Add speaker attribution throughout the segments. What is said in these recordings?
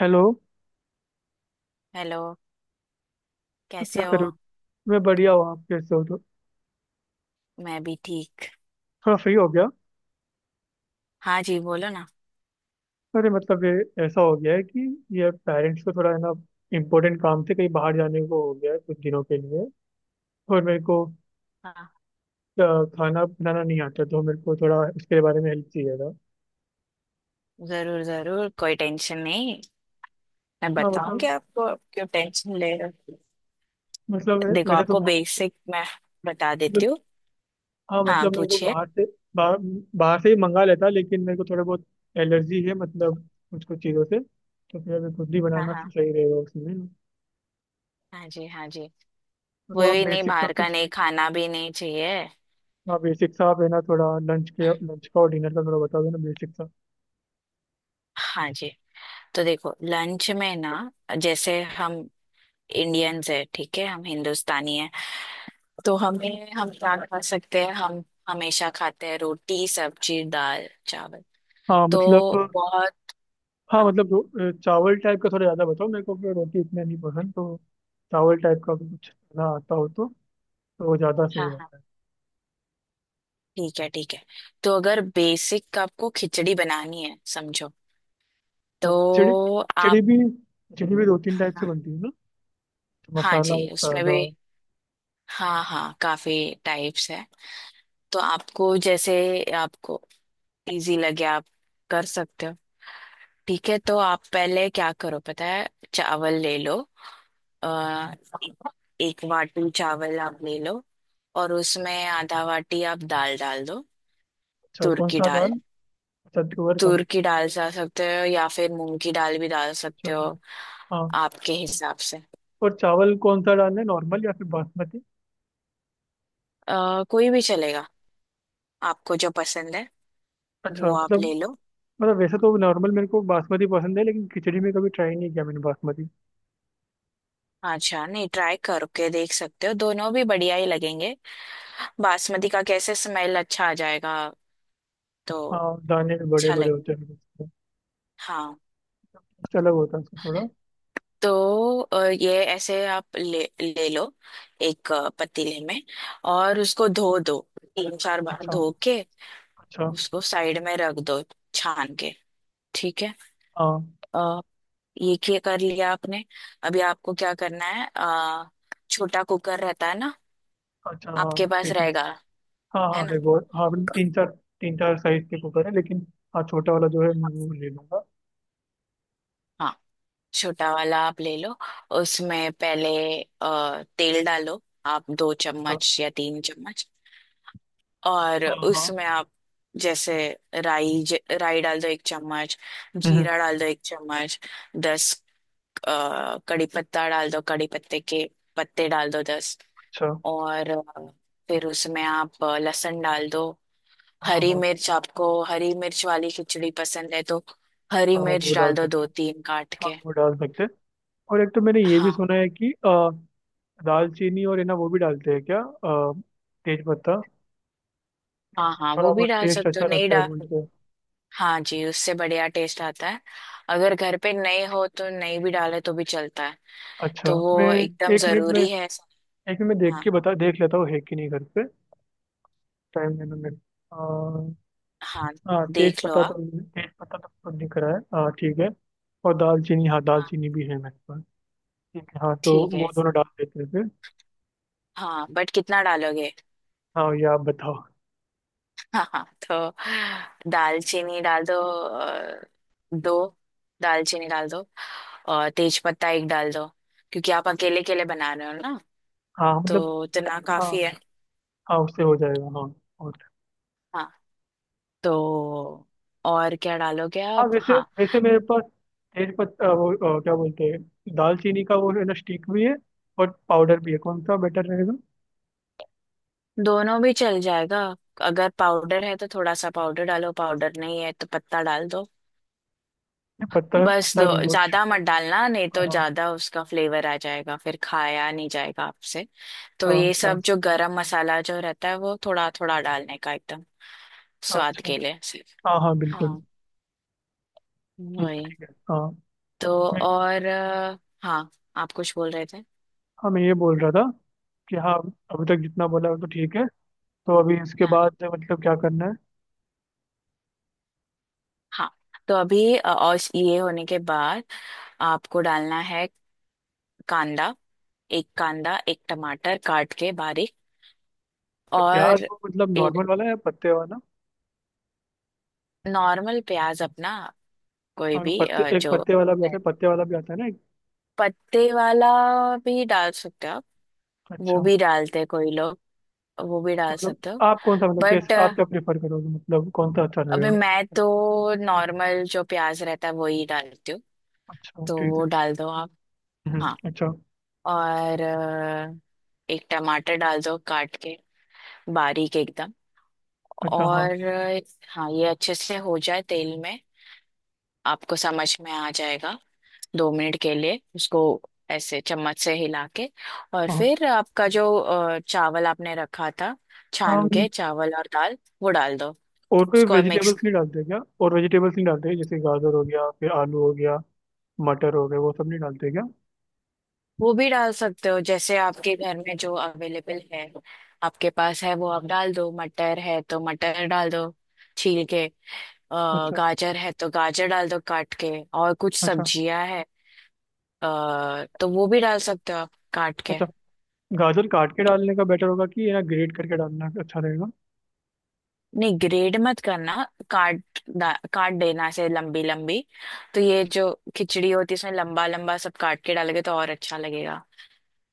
Speaker 1: Hello.
Speaker 2: Hello. कैसे
Speaker 1: क्या
Speaker 2: हो।
Speaker 1: करो? मैं बढ़िया हूँ, आप कैसे हो? तो
Speaker 2: मैं भी ठीक।
Speaker 1: थोड़ा फ्री हो गया।
Speaker 2: हाँ जी, बोलो ना।
Speaker 1: अरे मतलब ये ऐसा हो गया है कि ये पेरेंट्स को, थोड़ा है ना, इम्पोर्टेंट काम से कहीं बाहर जाने को हो गया है कुछ दिनों के लिए। और मेरे को
Speaker 2: हाँ,
Speaker 1: अ, खाना बनाना नहीं आता, तो मेरे को थोड़ा इसके बारे में हेल्प चाहिए था।
Speaker 2: जरूर जरूर, कोई टेंशन नहीं। मैं
Speaker 1: हाँ
Speaker 2: बताऊंगी
Speaker 1: मतलब।
Speaker 2: आपको, आप क्यों टेंशन ले रहे हो।
Speaker 1: मतलब
Speaker 2: देखो,
Speaker 1: वैसे तो
Speaker 2: आपको
Speaker 1: बाहर,
Speaker 2: बेसिक मैं बता
Speaker 1: मतलब,
Speaker 2: देती हूँ।
Speaker 1: हाँ
Speaker 2: हाँ,
Speaker 1: मतलब मेरे को
Speaker 2: पूछिए।
Speaker 1: बाहर से, बाहर बाहर से ही मंगा लेता, लेकिन मेरे को थोड़ा बहुत एलर्जी है, मतलब कुछ कुछ चीज़ों से। तो फिर अभी खुद ही
Speaker 2: हाँ
Speaker 1: बनाना
Speaker 2: हाँ।
Speaker 1: सही रहेगा उसमें।
Speaker 2: हाँ जी, हाँ जी। वो
Speaker 1: मतलब आप
Speaker 2: भी नहीं,
Speaker 1: बेसिक सा
Speaker 2: बाहर का
Speaker 1: कुछ,
Speaker 2: नहीं खाना भी नहीं चाहिए।
Speaker 1: हाँ बेसिक सा, आप है ना, थोड़ा
Speaker 2: हम्म,
Speaker 1: लंच का और डिनर का थोड़ा बता दो ना बेसिक सा।
Speaker 2: हाँ जी। तो देखो, लंच में ना, जैसे हम इंडियंस है, ठीक है, हम हिंदुस्तानी है। तो हमें हम क्या खा सकते हैं, हम हमेशा खाते हैं रोटी सब्जी दाल चावल।
Speaker 1: हाँ
Speaker 2: तो
Speaker 1: मतलब।
Speaker 2: बहुत।
Speaker 1: हाँ
Speaker 2: हाँ
Speaker 1: मतलब, चावल टाइप का थोड़ा ज़्यादा बताओ मेरे को, क्योंकि रोटी इतना नहीं पसंद। तो चावल टाइप का कुछ खाना आता हो तो वो ज़्यादा
Speaker 2: हाँ।
Speaker 1: सही
Speaker 2: हाँ,
Speaker 1: रहता है।
Speaker 2: ठीक है ठीक है। तो अगर बेसिक आपको खिचड़ी बनानी है, समझो तो
Speaker 1: तो खिचड़ी,
Speaker 2: आप।
Speaker 1: खिचड़ी भी दो तीन टाइप से बनती है ना? तो
Speaker 2: हाँ जी,
Speaker 1: मसाला, एक
Speaker 2: उसमें
Speaker 1: सादा।
Speaker 2: भी, हाँ हाँ, काफी टाइप्स है। तो आपको जैसे आपको इजी लगे आप कर सकते हो। ठीक है, तो आप पहले क्या करो पता है। चावल ले लो। आ, एक वाटी चावल आप ले लो। और उसमें आधा वाटी आप दाल डाल दो।
Speaker 1: अच्छा,
Speaker 2: तुर
Speaker 1: कौन
Speaker 2: की
Speaker 1: सा दाल?
Speaker 2: दाल।
Speaker 1: अच्छा, तुअर का।
Speaker 2: तूर की दाल डाल सकते हो, या फिर मूंग की दाल भी डाल
Speaker 1: अच्छा,
Speaker 2: सकते हो।
Speaker 1: हाँ।
Speaker 2: आपके हिसाब से।
Speaker 1: और चावल कौन सा डालना है, नॉर्मल या फिर बासमती?
Speaker 2: कोई भी चलेगा। आपको जो पसंद है
Speaker 1: अच्छा
Speaker 2: वो आप
Speaker 1: मतलब,
Speaker 2: ले लो।
Speaker 1: मतलब वैसे तो नॉर्मल, मेरे को बासमती पसंद है, लेकिन खिचड़ी में कभी ट्राई नहीं किया मैंने बासमती।
Speaker 2: अच्छा, नहीं, ट्राई करके देख सकते हो, दोनों भी बढ़िया ही लगेंगे। बासमती का कैसे स्मेल अच्छा आ जाएगा। तो
Speaker 1: हाँ, दाने भी बड़े
Speaker 2: अच्छा
Speaker 1: बड़े
Speaker 2: लगेगा।
Speaker 1: होते हैं उसके।
Speaker 2: हाँ।
Speaker 1: उससे अलग होता है उसका थोड़ा।
Speaker 2: तो ये ऐसे आप ले ले लो। एक पतीले में। और उसको धो दो, तीन चार बार
Speaker 1: अच्छा।
Speaker 2: धो के।
Speaker 1: अच्छा।
Speaker 2: उसको साइड में रख दो, छान के। ठीक है।
Speaker 1: हाँ।
Speaker 2: अ, ये क्या कर लिया आपने। अभी आपको क्या करना है, छोटा कुकर रहता है ना,
Speaker 1: अच्छा। हाँ।
Speaker 2: आपके पास
Speaker 1: ठीक है।
Speaker 2: रहेगा,
Speaker 1: हाँ हाँ
Speaker 2: है
Speaker 1: है
Speaker 2: ना।
Speaker 1: वो। हाँ मतलब, तीन चार साइज के कुकर है लेकिन, हाँ छोटा वाला जो है मैं वो ले लूंगा।
Speaker 2: हाँ, छोटा वाला आप ले लो। उसमें पहले तेल डालो, आप दो
Speaker 1: हाँ।
Speaker 2: चम्मच या तीन चम्मच। और
Speaker 1: हाँ। हाँ।
Speaker 2: उसमें आप जैसे राई डाल दो एक चम्मच।
Speaker 1: हम्म हम्म,
Speaker 2: जीरा डाल दो एक चम्मच। दस कड़ी पत्ता डाल दो। कड़ी पत्ते के पत्ते डाल दो 10।
Speaker 1: अच्छा।
Speaker 2: और फिर उसमें आप लहसुन डाल दो।
Speaker 1: हाँ।
Speaker 2: हरी
Speaker 1: हाँ।
Speaker 2: मिर्च आपको हरी मिर्च वाली खिचड़ी पसंद है तो हरी
Speaker 1: हाँ वो
Speaker 2: मिर्च डाल
Speaker 1: डाल
Speaker 2: दो,
Speaker 1: सकते
Speaker 2: दो
Speaker 1: हैं।
Speaker 2: तीन काट
Speaker 1: हाँ
Speaker 2: के।
Speaker 1: वो डाल सकते हैं। और एक तो मैंने ये भी
Speaker 2: हाँ
Speaker 1: सुना है कि दालचीनी और है ना वो भी डालते हैं क्या, तेज पत्ता?
Speaker 2: हाँ।
Speaker 1: उससे
Speaker 2: हाँ,
Speaker 1: थोड़ा
Speaker 2: वो भी
Speaker 1: बहुत
Speaker 2: डाल
Speaker 1: टेस्ट
Speaker 2: सकते हो,
Speaker 1: अच्छा
Speaker 2: नहीं
Speaker 1: लगता है
Speaker 2: डाल।
Speaker 1: बोलते हैं।
Speaker 2: हाँ जी, उससे बढ़िया टेस्ट आता है। अगर घर पे नहीं हो तो नहीं भी डाले तो भी चलता है।
Speaker 1: अच्छा।
Speaker 2: तो
Speaker 1: मैं
Speaker 2: वो एकदम
Speaker 1: एक मिनट में,
Speaker 2: जरूरी है।
Speaker 1: एक मिनट मैं देख
Speaker 2: हाँ
Speaker 1: के बता देख लेता हूँ है कि नहीं घर पे। टाइम लेना मेरे को।
Speaker 2: हाँ,
Speaker 1: हाँ तेज
Speaker 2: देख लो
Speaker 1: पत्ता तो,
Speaker 2: आप।
Speaker 1: तेज पत्ता तो खुद दिख रहा है, हाँ ठीक है। और दालचीनी, हाँ
Speaker 2: हाँ,
Speaker 1: दालचीनी भी है मेरे पास। ठीक है, हाँ तो
Speaker 2: ठीक है।
Speaker 1: वो दोनों डाल देते हैं फिर।
Speaker 2: हाँ, बट कितना डालोगे।
Speaker 1: हाँ, ये आप बताओ।
Speaker 2: हाँ हाँ, तो दालचीनी डाल दो अ, दो दालचीनी डाल दो। और तेज पत्ता एक डाल दो। क्योंकि आप अकेले के लिए बना रहे हो ना,
Speaker 1: हाँ मतलब।
Speaker 2: तो इतना
Speaker 1: हाँ,
Speaker 2: काफी है।
Speaker 1: हाँ उससे हो जाएगा हाँ। और
Speaker 2: हाँ, तो और क्या डालोगे
Speaker 1: हाँ।
Speaker 2: आप।
Speaker 1: वैसे,
Speaker 2: हाँ,
Speaker 1: मेरे पास तेज पत्ता, वो क्या बोलते हैं, दालचीनी का वो है ना, स्टिक भी है और पाउडर भी है, कौन सा बेटर रहेगा?
Speaker 2: दोनों भी चल जाएगा। अगर पाउडर है तो थोड़ा सा पाउडर डालो, पाउडर नहीं है तो पत्ता डाल दो।
Speaker 1: नहीं, पत्ता,
Speaker 2: बस दो।
Speaker 1: पत्ता नहीं वो।
Speaker 2: ज्यादा मत डालना, नहीं
Speaker 1: हाँ
Speaker 2: तो
Speaker 1: हाँ।
Speaker 2: ज्यादा उसका फ्लेवर आ जाएगा, फिर खाया नहीं जाएगा आपसे।
Speaker 1: अच्छा
Speaker 2: तो ये
Speaker 1: अच्छा।
Speaker 2: सब जो गरम मसाला जो रहता है, वो थोड़ा थोड़ा डालने का, एकदम
Speaker 1: अच्छा
Speaker 2: स्वाद
Speaker 1: अच्छा।
Speaker 2: के लिए सिर्फ।
Speaker 1: हाँ हाँ बिल्कुल।
Speaker 2: हाँ, वही।
Speaker 1: ठीक है हाँ।
Speaker 2: तो
Speaker 1: मैं,
Speaker 2: और हाँ, आप कुछ बोल रहे थे।
Speaker 1: हाँ मैं ये बोल रहा था कि, हाँ अभी तक जितना बोला वो तो ठीक है, तो अभी इसके
Speaker 2: हाँ
Speaker 1: बाद मतलब क्या करना है?
Speaker 2: हाँ, तो अभी और ये होने के बाद आपको डालना है कांदा। एक कांदा, एक टमाटर काट के बारीक।
Speaker 1: तो प्याज
Speaker 2: और
Speaker 1: वो मतलब नॉर्मल वाला या पत्ते वाला?
Speaker 2: नॉर्मल प्याज अपना, कोई
Speaker 1: हाँ
Speaker 2: भी
Speaker 1: पत्ते एक
Speaker 2: जो
Speaker 1: पत्ते वाला भी आता है, पत्ते वाला भी आता है ना एक।
Speaker 2: पत्ते वाला भी डाल सकते हो आप। वो
Speaker 1: अच्छा तो
Speaker 2: भी डालते हैं कोई लोग, वो भी डाल
Speaker 1: मतलब
Speaker 2: सकते हो।
Speaker 1: आप कौन सा, मतलब कैसे
Speaker 2: बट
Speaker 1: आप, क्या प्रेफर करोगे मतलब, कौन सा अच्छा
Speaker 2: अभी
Speaker 1: लगेगा?
Speaker 2: मैं तो नॉर्मल जो प्याज रहता है वही डालती हूँ।
Speaker 1: अच्छा
Speaker 2: तो
Speaker 1: ठीक
Speaker 2: वो
Speaker 1: है।
Speaker 2: डाल दो आप। हाँ।
Speaker 1: अच्छा।
Speaker 2: और एक टमाटर डाल दो काट के, बारीक एकदम।
Speaker 1: अच्छा हाँ।
Speaker 2: और हाँ, ये अच्छे से हो जाए तेल में, आपको समझ में आ जाएगा। 2 मिनट के लिए उसको ऐसे चम्मच से हिला के। और
Speaker 1: हाँ। हाँ।
Speaker 2: फिर आपका जो चावल आपने रखा था
Speaker 1: हम।
Speaker 2: छान के, चावल और दाल वो डाल दो।
Speaker 1: और कोई
Speaker 2: उसको मिक्स।
Speaker 1: वेजिटेबल्स नहीं डालते क्या? और वेजिटेबल्स नहीं डालते, जैसे गाजर हो गया, फिर आलू हो गया, मटर हो गया, वो सब नहीं डालते क्या?
Speaker 2: वो भी डाल सकते हो, जैसे आपके घर में जो अवेलेबल है, आपके पास है वो आप डाल दो। मटर है तो मटर डाल दो, छील के।
Speaker 1: अच्छा।
Speaker 2: गाजर है तो गाजर डाल दो, काट के। और कुछ
Speaker 1: अच्छा।
Speaker 2: सब्जियां है, तो वो भी डाल सकते हो आप काट के।
Speaker 1: अच्छा। गाजर काट के डालने का बेटर होगा कि, ये ना, ग्रेट करके डालना अच्छा रहेगा?
Speaker 2: नहीं, ग्रेड मत करना। काट देना ऐसे लंबी लंबी। तो ये जो खिचड़ी होती है, इसमें लंबा लंबा सब काट के डालोगे तो और अच्छा लगेगा।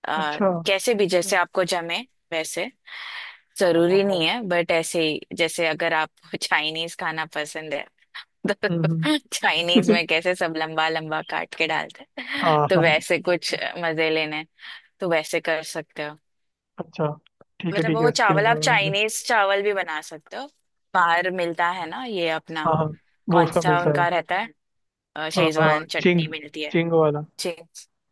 Speaker 2: आ,
Speaker 1: अच्छा।
Speaker 2: कैसे भी जैसे आपको जमे वैसे।
Speaker 1: हाँ हाँ
Speaker 2: जरूरी
Speaker 1: हाँ।
Speaker 2: नहीं है, बट ऐसे ही जैसे अगर आपको चाइनीज खाना पसंद है, तो चाइनीज
Speaker 1: हम्म।
Speaker 2: में कैसे सब लंबा लंबा काट के डालते हैं,
Speaker 1: हाँ
Speaker 2: तो
Speaker 1: हाँ।
Speaker 2: वैसे कुछ मजे लेने हैं, तो वैसे कर सकते हो।
Speaker 1: अच्छा। ठीक है
Speaker 2: मतलब
Speaker 1: ठीक है।
Speaker 2: वो
Speaker 1: उसके
Speaker 2: चावल आप
Speaker 1: बाद?
Speaker 2: चाइनीज चावल भी बना सकते हो। बाहर मिलता है ना ये अपना,
Speaker 1: हाँ हाँ, वो
Speaker 2: कौन
Speaker 1: उसका
Speaker 2: सा
Speaker 1: मिलता है।
Speaker 2: उनका रहता है। शेजवान
Speaker 1: चिंग,
Speaker 2: चटनी मिलती है।
Speaker 1: चिंग वाला।
Speaker 2: जी,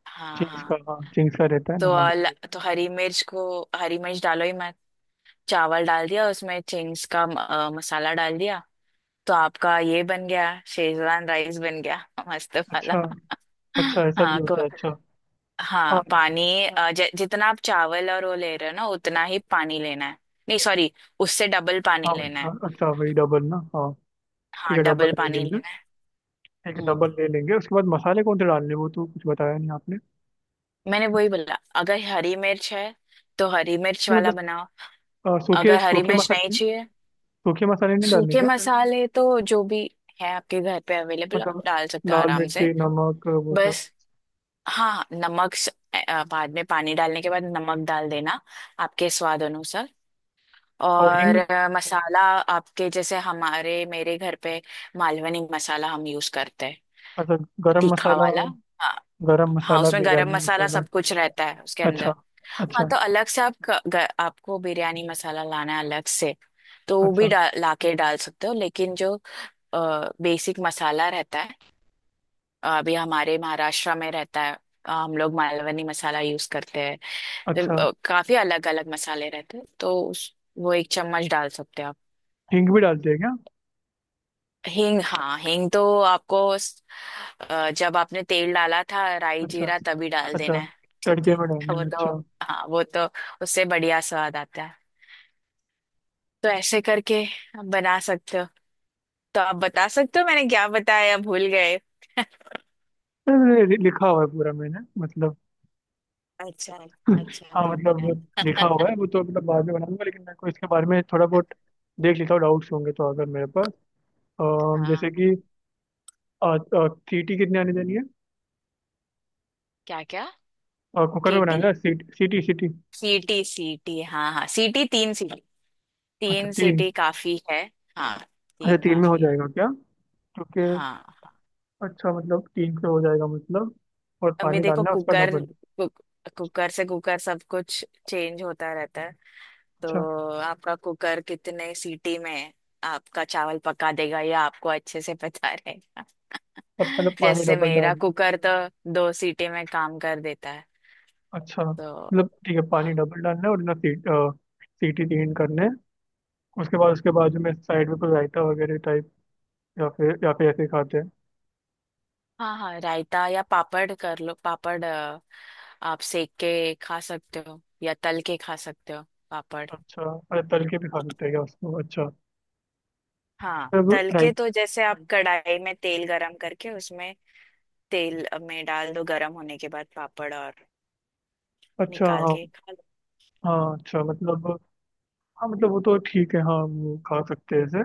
Speaker 2: हाँ
Speaker 1: चिंग्स
Speaker 2: हाँ।
Speaker 1: का, हाँ चिंग्स का रहता है ना हाँ।
Speaker 2: तो हरी मिर्च डालो ही मत। चावल डाल दिया, उसमें चिंग्स का मसाला डाल दिया। तो आपका ये बन गया, शेजवान राइस बन गया। मस्त वाला।
Speaker 1: अच्छा। अच्छा ऐसा भी
Speaker 2: हाँ को
Speaker 1: होता है, अच्छा।
Speaker 2: हाँ,
Speaker 1: हाँ
Speaker 2: पानी जितना आप चावल और वो ले रहे हो ना उतना ही पानी लेना है। नहीं, सॉरी। उससे डबल
Speaker 1: हाँ
Speaker 2: पानी
Speaker 1: भाई,
Speaker 2: लेना
Speaker 1: हाँ
Speaker 2: है।
Speaker 1: अच्छा वही डबल ना, हाँ।
Speaker 2: हाँ,
Speaker 1: ठीक है डबल
Speaker 2: डबल
Speaker 1: ले
Speaker 2: पानी
Speaker 1: लेंगे।
Speaker 2: लेना है।
Speaker 1: ठीक है
Speaker 2: हम्म,
Speaker 1: डबल ले लेंगे, उसके बाद मसाले कौन से डालने हैं, वो तो कुछ बताया नहीं आपने।
Speaker 2: मैंने वही बोला। अगर हरी मिर्च है तो हरी मिर्च
Speaker 1: नहीं
Speaker 2: वाला
Speaker 1: मतलब,
Speaker 2: बनाओ।
Speaker 1: सूखे
Speaker 2: अगर हरी
Speaker 1: सूखे
Speaker 2: मिर्च नहीं
Speaker 1: मसाले,
Speaker 2: चाहिए।
Speaker 1: सूखे मसाले नहीं डालने
Speaker 2: सूखे
Speaker 1: क्या?
Speaker 2: मसाले तो जो भी है आपके घर पे अवेलेबल, आप
Speaker 1: मतलब
Speaker 2: डाल सकते हो
Speaker 1: लाल
Speaker 2: आराम से।
Speaker 1: मिर्ची नमक वो सब,
Speaker 2: बस। हाँ, बाद में पानी डालने के बाद नमक डाल देना, आपके स्वाद अनुसार।
Speaker 1: और
Speaker 2: और
Speaker 1: हिंग।
Speaker 2: मसाला आपके जैसे हमारे मेरे घर पे मालवनी मसाला हम यूज करते हैं।
Speaker 1: अच्छा। गरम
Speaker 2: तीखा
Speaker 1: मसाला।
Speaker 2: वाला। हाँ
Speaker 1: गरम
Speaker 2: हाँ,
Speaker 1: मसाला,
Speaker 2: उसमें गरम
Speaker 1: बिरयानी
Speaker 2: मसाला
Speaker 1: मसाला?
Speaker 2: सब कुछ रहता है उसके
Speaker 1: अच्छा।
Speaker 2: अंदर। हाँ,
Speaker 1: अच्छा।
Speaker 2: तो अलग से आप आपको बिरयानी मसाला लाना है अलग से, तो वो भी
Speaker 1: अच्छा।
Speaker 2: लाके डाल सकते हो, लेकिन जो बेसिक मसाला रहता है, अभी हमारे महाराष्ट्र में रहता है, हम लोग मालवनी मसाला यूज करते हैं। तो
Speaker 1: अच्छा
Speaker 2: काफी अलग अलग मसाले रहते हैं, तो वो एक चम्मच डाल सकते हैं आप।
Speaker 1: हिंग भी डालते हैं क्या?
Speaker 2: हींग। हाँ, हींग तो आपको, जब आपने तेल डाला था राई
Speaker 1: अच्छा।
Speaker 2: जीरा तभी डाल देना
Speaker 1: अच्छा
Speaker 2: है। ठीक
Speaker 1: तड़के
Speaker 2: है।
Speaker 1: में डालना
Speaker 2: वो
Speaker 1: है,
Speaker 2: तो,
Speaker 1: अच्छा।
Speaker 2: हाँ वो तो उससे बढ़िया स्वाद आता है। तो ऐसे करके आप बना सकते हो। तो आप बता सकते हो मैंने क्या बताया, भूल गए?
Speaker 1: अरे, लिखा हुआ है पूरा मैंने मतलब।
Speaker 2: अच्छा, अच्छा।
Speaker 1: हाँ मतलब वो लिखा
Speaker 2: आ-
Speaker 1: हुआ है, वो तो मतलब बाद में बनाऊंगा, लेकिन मेरे को इसके बारे में थोड़ा बहुत देख लिखा डाउट्स होंगे तो, अगर मेरे पास
Speaker 2: हाँ,
Speaker 1: जैसे कि, अ, सीटी कितनी आनी देनी है,
Speaker 2: क्या क्या।
Speaker 1: कुकर में
Speaker 2: केटी
Speaker 1: बनाना है, सीटी सीटी सीटी?
Speaker 2: सीटी सीटी, हाँ हाँ, सीटी तीन सीटी।
Speaker 1: अच्छा
Speaker 2: तीन
Speaker 1: तीन।
Speaker 2: सीटी काफी है। हाँ,
Speaker 1: अच्छा
Speaker 2: तीन
Speaker 1: तीन में हो
Speaker 2: काफी है।
Speaker 1: जाएगा क्या? क्योंकि,
Speaker 2: हाँ,
Speaker 1: अच्छा मतलब तीन पे हो जाएगा मतलब, और
Speaker 2: अभी
Speaker 1: पानी
Speaker 2: देखो,
Speaker 1: डालना है उसका डबल।
Speaker 2: कुकर से कुकर सब कुछ चेंज होता रहता है। तो
Speaker 1: अच्छा।
Speaker 2: आपका कुकर कितने सीटी में आपका चावल पका देगा, ये आपको अच्छे से पता रहेगा।
Speaker 1: तब मतलब पानी
Speaker 2: जैसे
Speaker 1: डबल
Speaker 2: मेरा
Speaker 1: डाल।
Speaker 2: कुकर तो दो सीटी में काम कर देता है।
Speaker 1: अच्छा
Speaker 2: तो
Speaker 1: मतलब ठीक है, पानी डबल डालना है और ना सीट सीटी तीन करने हैं। उसके बाद, उसके बाजू में साइड में कोई रायता वगैरह टाइप, या फिर ऐसे ही खाते हैं?
Speaker 2: हाँ हाँ, रायता या पापड़ कर लो, पापड़ आप सेक के खा सकते हो या तल के खा सकते हो, पापड़।
Speaker 1: अच्छा। अरे तल के भी खा सकते हैं क्या उसको, अच्छा?
Speaker 2: हाँ,
Speaker 1: मतलब
Speaker 2: तल के
Speaker 1: राइट।
Speaker 2: तो जैसे आप कढ़ाई में तेल गरम करके उसमें तेल में डाल दो, गरम होने के बाद पापड़, और
Speaker 1: अच्छा
Speaker 2: निकाल
Speaker 1: हाँ
Speaker 2: के खा लो।
Speaker 1: हाँ। अच्छा मतलब, हाँ मतलब वो तो ठीक है, हाँ वो खा सकते हैं ऐसे।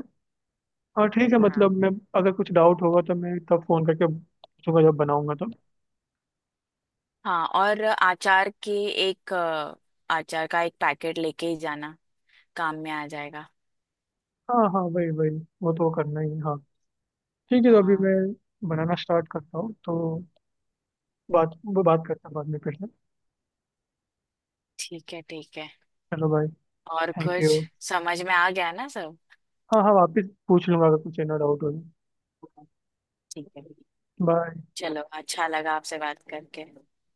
Speaker 1: हाँ ठीक है मतलब
Speaker 2: हाँ
Speaker 1: मैं, अगर कुछ डाउट होगा तो मैं तब फ़ोन करके पूछूंगा जब बनाऊंगा तो।
Speaker 2: हाँ। और एक अ, अचार का एक पैकेट लेके ही जाना, काम में आ जाएगा।
Speaker 1: हाँ हाँ वही वही, वो तो करना ही है, हाँ। ठीक है, तो अभी
Speaker 2: हाँ,
Speaker 1: मैं बनाना स्टार्ट करता हूँ तो, बात, वो बात करते हैं बाद में फिर से।
Speaker 2: ठीक है ठीक है।
Speaker 1: चलो भाई।
Speaker 2: और
Speaker 1: थैंक
Speaker 2: कुछ?
Speaker 1: यू।
Speaker 2: समझ में आ गया ना सब?
Speaker 1: हाँ हाँ वापस पूछ लूंगा अगर कुछ ना डाउट हो।
Speaker 2: हाँ, ठीक है।
Speaker 1: बाय।
Speaker 2: चलो, अच्छा लगा आपसे बात करके।